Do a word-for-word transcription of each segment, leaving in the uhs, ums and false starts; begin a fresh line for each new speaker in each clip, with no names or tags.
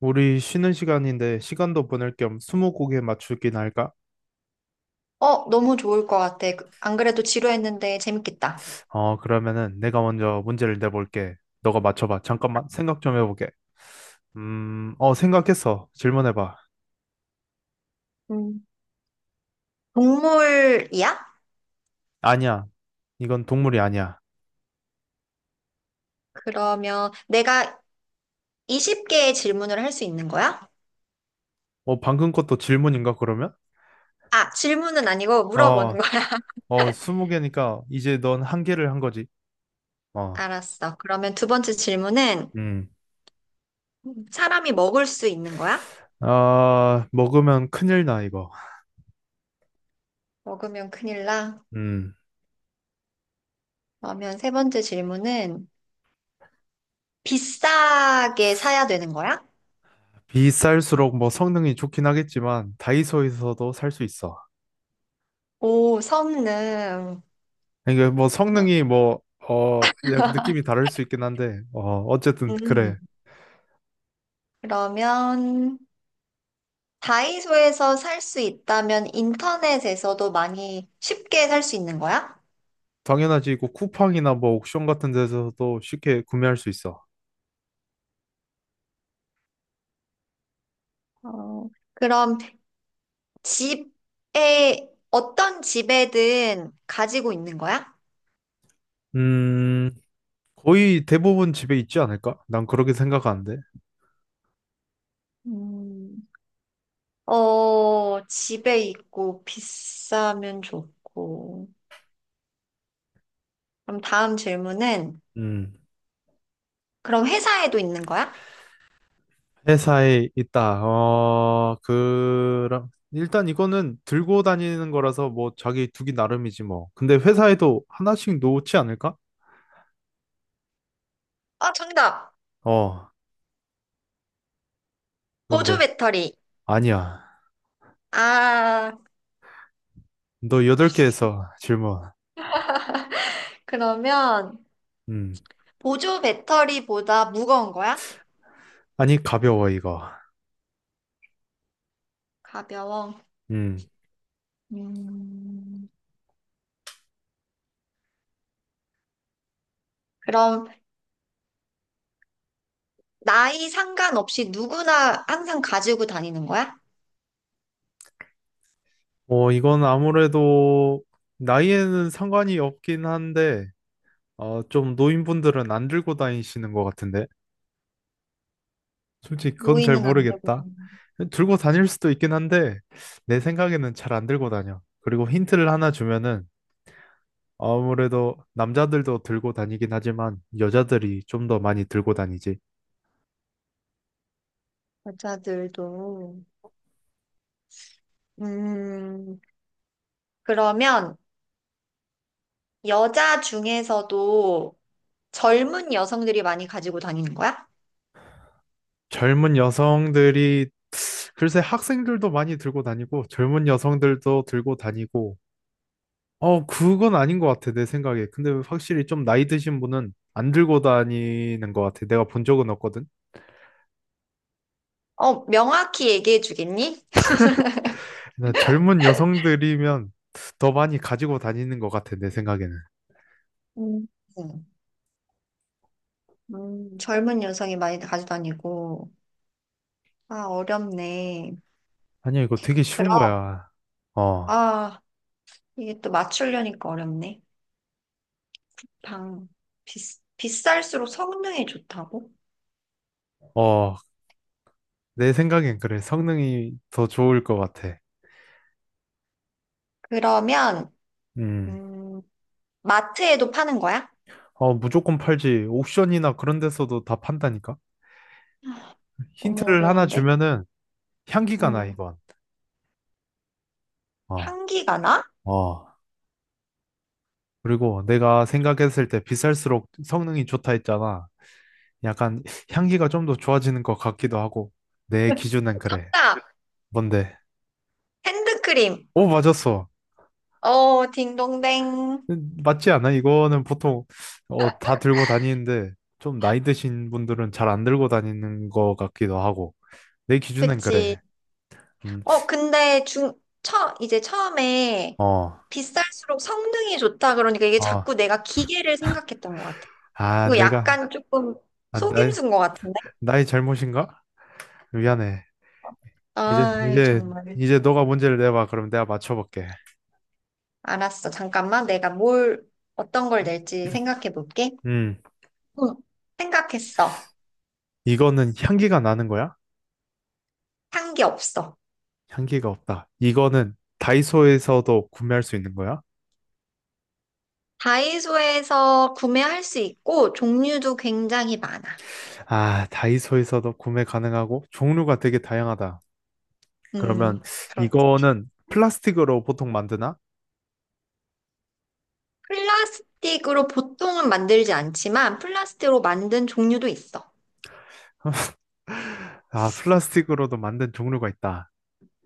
우리 쉬는 시간인데 시간도 보낼 겸 스무고개 맞추기 날까?
어, 너무 좋을 것 같아. 그- 안 그래도 지루했는데 재밌겠다.
어, 그러면은 내가 먼저 문제를 내볼게. 너가 맞춰봐. 잠깐만 생각 좀 해보게. 음, 어, 생각했어. 질문해봐.
음. 동물이야?
아니야. 이건 동물이 아니야.
그러면 내가 이십 개의 질문을 할 수 있는 거야?
어, 방금 것도 질문인가 그러면?
아, 질문은 아니고 물어보는
어,
거야.
어, 스무 개니까 이제 넌 한 개를 한 거지. 어,
알았어. 그러면 두 번째 질문은
음.
사람이 먹을 수 있는 거야?
아, 먹으면 큰일 나, 이거.
먹으면 큰일 나.
음.
그러면 세 번째 질문은 비싸게 사야 되는 거야?
비쌀수록 뭐 성능이 좋긴 하겠지만 다이소에서도 살 수 있어.
오, 성능.
이게 뭐
그렇-
성능이 뭐, 어, 약 느낌이 다를 수 있긴 한데, 어, 어쨌든
음.
그래.
그러면 다이소에서 살 수 있다면 인터넷에서도 많이 쉽게 살 수 있는 거야?
당연하지. 이거 쿠팡이나 뭐 옥션 같은 데서도 쉽게 구매할 수 있어.
어, 그럼 집에, 어떤 집에든 가지고 있는 거야?
음, 거의 대부분 집에 있지 않을까? 난 그렇게 생각하는데.
음, 어, 집에 있고 비싸면 좋고. 그럼 다음 질문은,
음,
그럼 회사에도 있는 거야?
회사에 있다. 어, 그랑, 일단 이거는 들고 다니는 거라서 뭐 자기 두기 나름이지 뭐. 근데 회사에도 하나씩 놓지 않을까?
아, 정답!
어,
보조
뭔데?
배터리.
아니야.
아,
너 여덟 개에서 질문.
그러면
음.
보조 배터리보다 무거운 거야?
아니, 가벼워, 이거.
가벼워.
음.
음, 그럼 나이 상관없이 누구나 항상 가지고 다니는 거야?
어, 이건 아무래도 나이에는 상관이 없긴 한데, 어, 좀 노인분들은 안 들고 다니시는 것 같은데. 솔직히 그건 잘
노인은 안 되고
모르겠다. 들고 다닐 수도 있긴 한데, 내 생각에는 잘 안 들고 다녀. 그리고 힌트를 하나 주면은, 아무래도 남자들도 들고 다니긴 하지만, 여자들이 좀 더 많이 들고 다니지.
여자들도. 음, 그러면 여자 중에서도 젊은 여성들이 많이 가지고 다니는 거야?
젊은 여성들이, 글쎄 학생들도 많이 들고 다니고, 젊은 여성들도 들고 다니고, 어, 그건 아닌 것 같아, 내 생각에. 근데 확실히 좀 나이 드신 분은 안 들고 다니는 것 같아. 내가 본 적은 없거든.
어, 명확히 얘기해 주겠니?
나 젊은 여성들이면 더 많이 가지고 다니는 것 같아, 내 생각에는.
음, 음, 젊은 여성이 많이 가지고 다니고. 아, 어렵네.
아니야, 이거 되게 쉬운
그럼,
거야. 어,
아, 이게 또 맞추려니까 어렵네. 방, 비, 비쌀수록 성능이 좋다고?
어, 내 생각엔 그래. 성능이 더 좋을 것 같아.
그러면,
음,
음, 마트에도 파는 거야?
어, 무조건 팔지. 옥션이나 그런 데서도 다 판다니까?
너무
힌트를 하나
어려운데.
주면은 향기가 나,
음,
이건. 어,
향기가 나?
어. 그리고 내가 생각했을 때 비쌀수록 성능이 좋다 했잖아. 약간 향기가 좀 더 좋아지는 것 같기도 하고 내 기준엔 그래.
정답!
뭔데?
핸드크림.
오, 맞았어.
어, 딩동댕.
음, 맞지 않아? 이거는 보통 어, 다 들고 다니는데 좀 나이 드신 분들은 잘 안 들고 다니는 것 같기도 하고 내 기준엔
그치.
그래. 음,
어, 근데 중, 처, 이제 처음에
어,
비쌀수록 성능이 좋다 그러니까 이게
어,
자꾸 내가 기계를 생각했던 것 같아.
아,
이거
내가
약간 조금
아, 나
속임수인 것 같은데?
나의 잘못인가? 미안해. 이제
아,
이제
정말.
이제 너가 문제를 내봐. 그럼 내가 맞춰볼게.
알았어. 잠깐만. 내가 뭘, 어떤 걸 낼지 생각해 볼게.
음,
응. 생각했어.
이거는 향기가 나는 거야?
향기 없어.
향기가 없다. 이거는 다이소에서도 구매할 수 있는 거야?
다이소에서 구매할 수 있고 종류도 굉장히 많아.
아, 다이소에서도 구매 가능하고 종류가 되게 다양하다.
음,
그러면
그렇,
이거는 플라스틱으로 보통 만드나?
플라스틱으로 보통은 만들지 않지만 플라스틱으로 만든 종류도 있어.
아, 플라스틱으로도 만든 종류가 있다.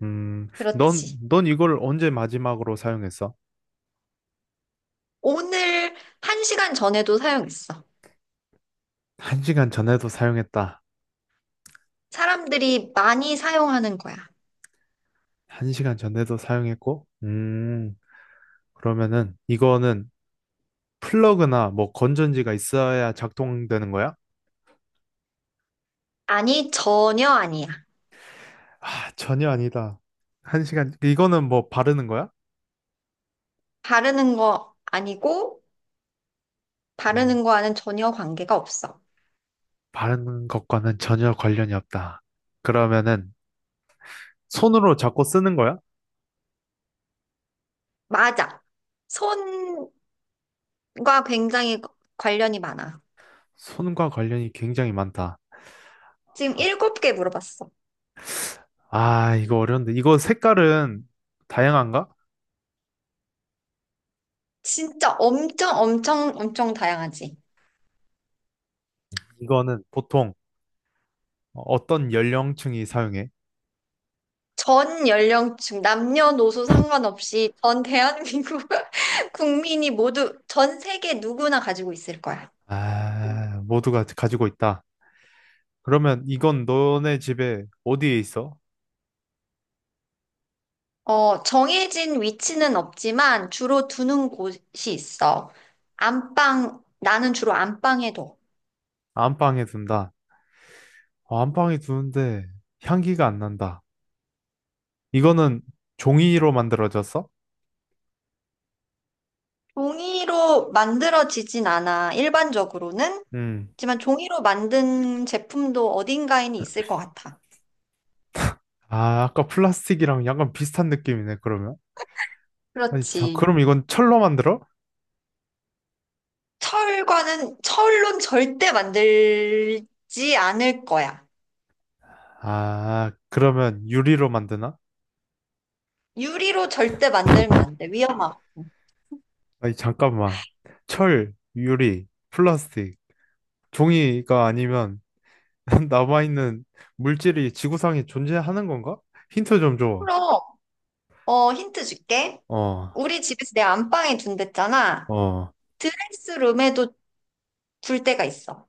음, 넌,
그렇지.
넌 이걸 언제 마지막으로 사용했어?
오늘 한 시간 전에도 사용했어.
한 시간 전에도 사용했다.
사람들이 많이 사용하는 거야.
한 시간 전에도 사용했고, 음, 그러면은 이거는 플러그나 뭐 건전지가 있어야 작동되는 거야?
아니, 전혀 아니야.
아, 전혀 아니다. 한 시간, 이거는 뭐 바르는 거야?
바르는 거 아니고
음,
바르는 거와는 전혀 관계가 없어.
바르는 것과는 전혀 관련이 없다. 그러면은 손으로 잡고 쓰는 거야?
맞아. 손과 굉장히 관련이 많아.
손과 관련이 굉장히 많다.
지금
아,
일곱 개 물어봤어.
아, 이거 어려운데. 이거 색깔은 다양한가?
진짜 엄청 엄청 엄청 다양하지.
이거는 보통 어떤 연령층이 사용해?
전 연령층, 남녀노소 상관없이 전 대한민국 국민이 모두 전 세계 누구나 가지고 있을 거야.
아, 모두가 가지고 있다. 그러면 이건 너네 집에 어디에 있어?
어, 정해진 위치는 없지만 주로 두는 곳이 있어. 안방, 나는 주로 안방에 둬.
안방에 둔다. 어, 안방에 두는데 향기가 안 난다. 이거는 종이로 만들어졌어?
종이로 만들어지진 않아, 일반적으로는.
음.
하지만 종이로 만든 제품도 어딘가에는 있을 것 같아.
아, 아까 플라스틱이랑 약간 비슷한 느낌이네, 그러면. 아니, 자,
그렇지.
그럼 이건 철로 만들어?
철과는 철론 절대 만들지 않을 거야.
아, 그러면 유리로 만드나?
유리로 절대 만들면 안 돼. 위험하고.
아니, 잠깐만. 철, 유리, 플라스틱, 종이가 아니면 남아있는 물질이 지구상에 존재하는 건가? 힌트 좀 줘.
그럼, 어, 힌트 줄게.
어,
우리 집에서 내 안방에 둔댔잖아.
어.
드레스룸에도 둘 때가 있어.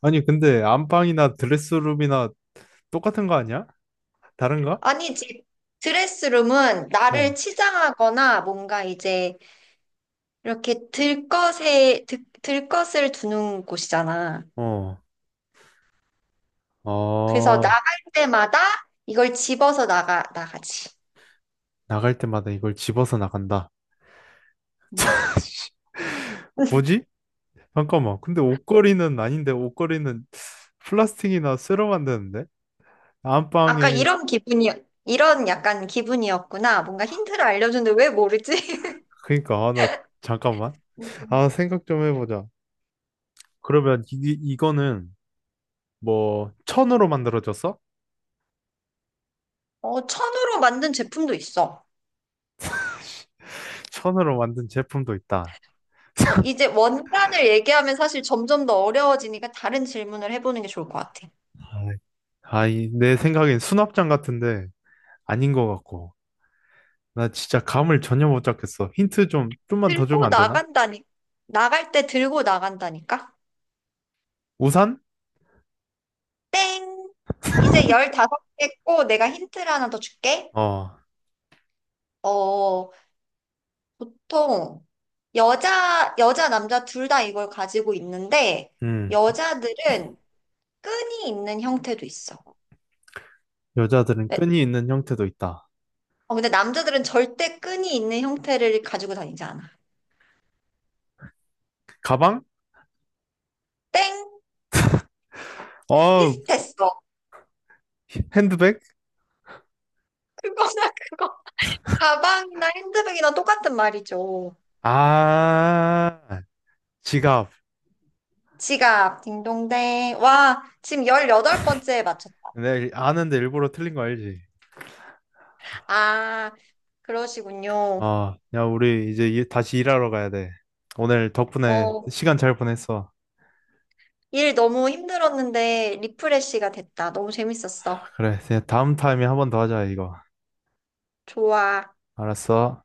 아니, 근데 안방이나 드레스룸이나 똑같은 거 아니야? 다른가?
아니지. 드레스룸은 나를
어,
치장하거나 뭔가 이제 이렇게 들 것에, 들, 들 것을 두는 곳이잖아.
어,
그래서
어.
나갈 때마다 이걸 집어서 나가, 나가지.
나갈 때마다 이걸 집어서 나간다.
음.
뭐지? 잠깐만. 근데 옷걸이는 아닌데 옷걸이는 플라스틱이나 쇠로 만드는데?
아까
안방에
이런 기분이, 이런 약간 기분이었구나. 뭔가 힌트를 알려줬는데 왜 모르지?
그러니까 아, 나 잠깐만. 아,
음.
생각 좀 해보자. 그러면 이, 이거는 뭐 천으로 만들어졌어?
어, 천으로 만든 제품도 있어.
천으로 만든 제품도 있다.
어, 이제 원단을 얘기하면 사실 점점 더 어려워지니까 다른 질문을 해보는 게 좋을 것 같아.
아, 이, 내 생각엔 수납장 같은데 아닌 것 같고. 나 진짜 감을 전혀 못 잡겠어. 힌트 좀 좀만 더 주면
들고
안 되나?
나간다니, 나갈 때 들고 나간다니까?
우산?
땡! 이제 열다섯 개 했고, 내가 힌트를 하나 더 줄게.
어,
어, 보통, 여자, 여자, 남자 둘 다 이걸 가지고 있는데,
음.
여자들은 끈이 있는 형태도 있어.
여자들은
네.
끈이 있는 형태도 있다.
어, 근데 남자들은 절대 끈이 있는 형태를 가지고 다니지 않아.
가방?
땡!
어,
비슷했어.
핸드백?
그거나 그거. 가방이나 핸드백이나 똑같은 말이죠.
아, 지갑.
지갑, 딩동댕. 와, 지금 열여덟 번째에 맞췄다.
내가 아는데 일부러 틀린 거 알지?
아, 그러시군요.
아, 야, 우리 이제 일- 다시 일하러 가야 돼. 오늘 덕분에
어,
시간 잘 보냈어.
일 너무 힘들었는데 리프레쉬가 됐다. 너무 재밌었어.
그래, 이제 다음 타임에 한 번 더 하자, 이거.
좋아.
알았어.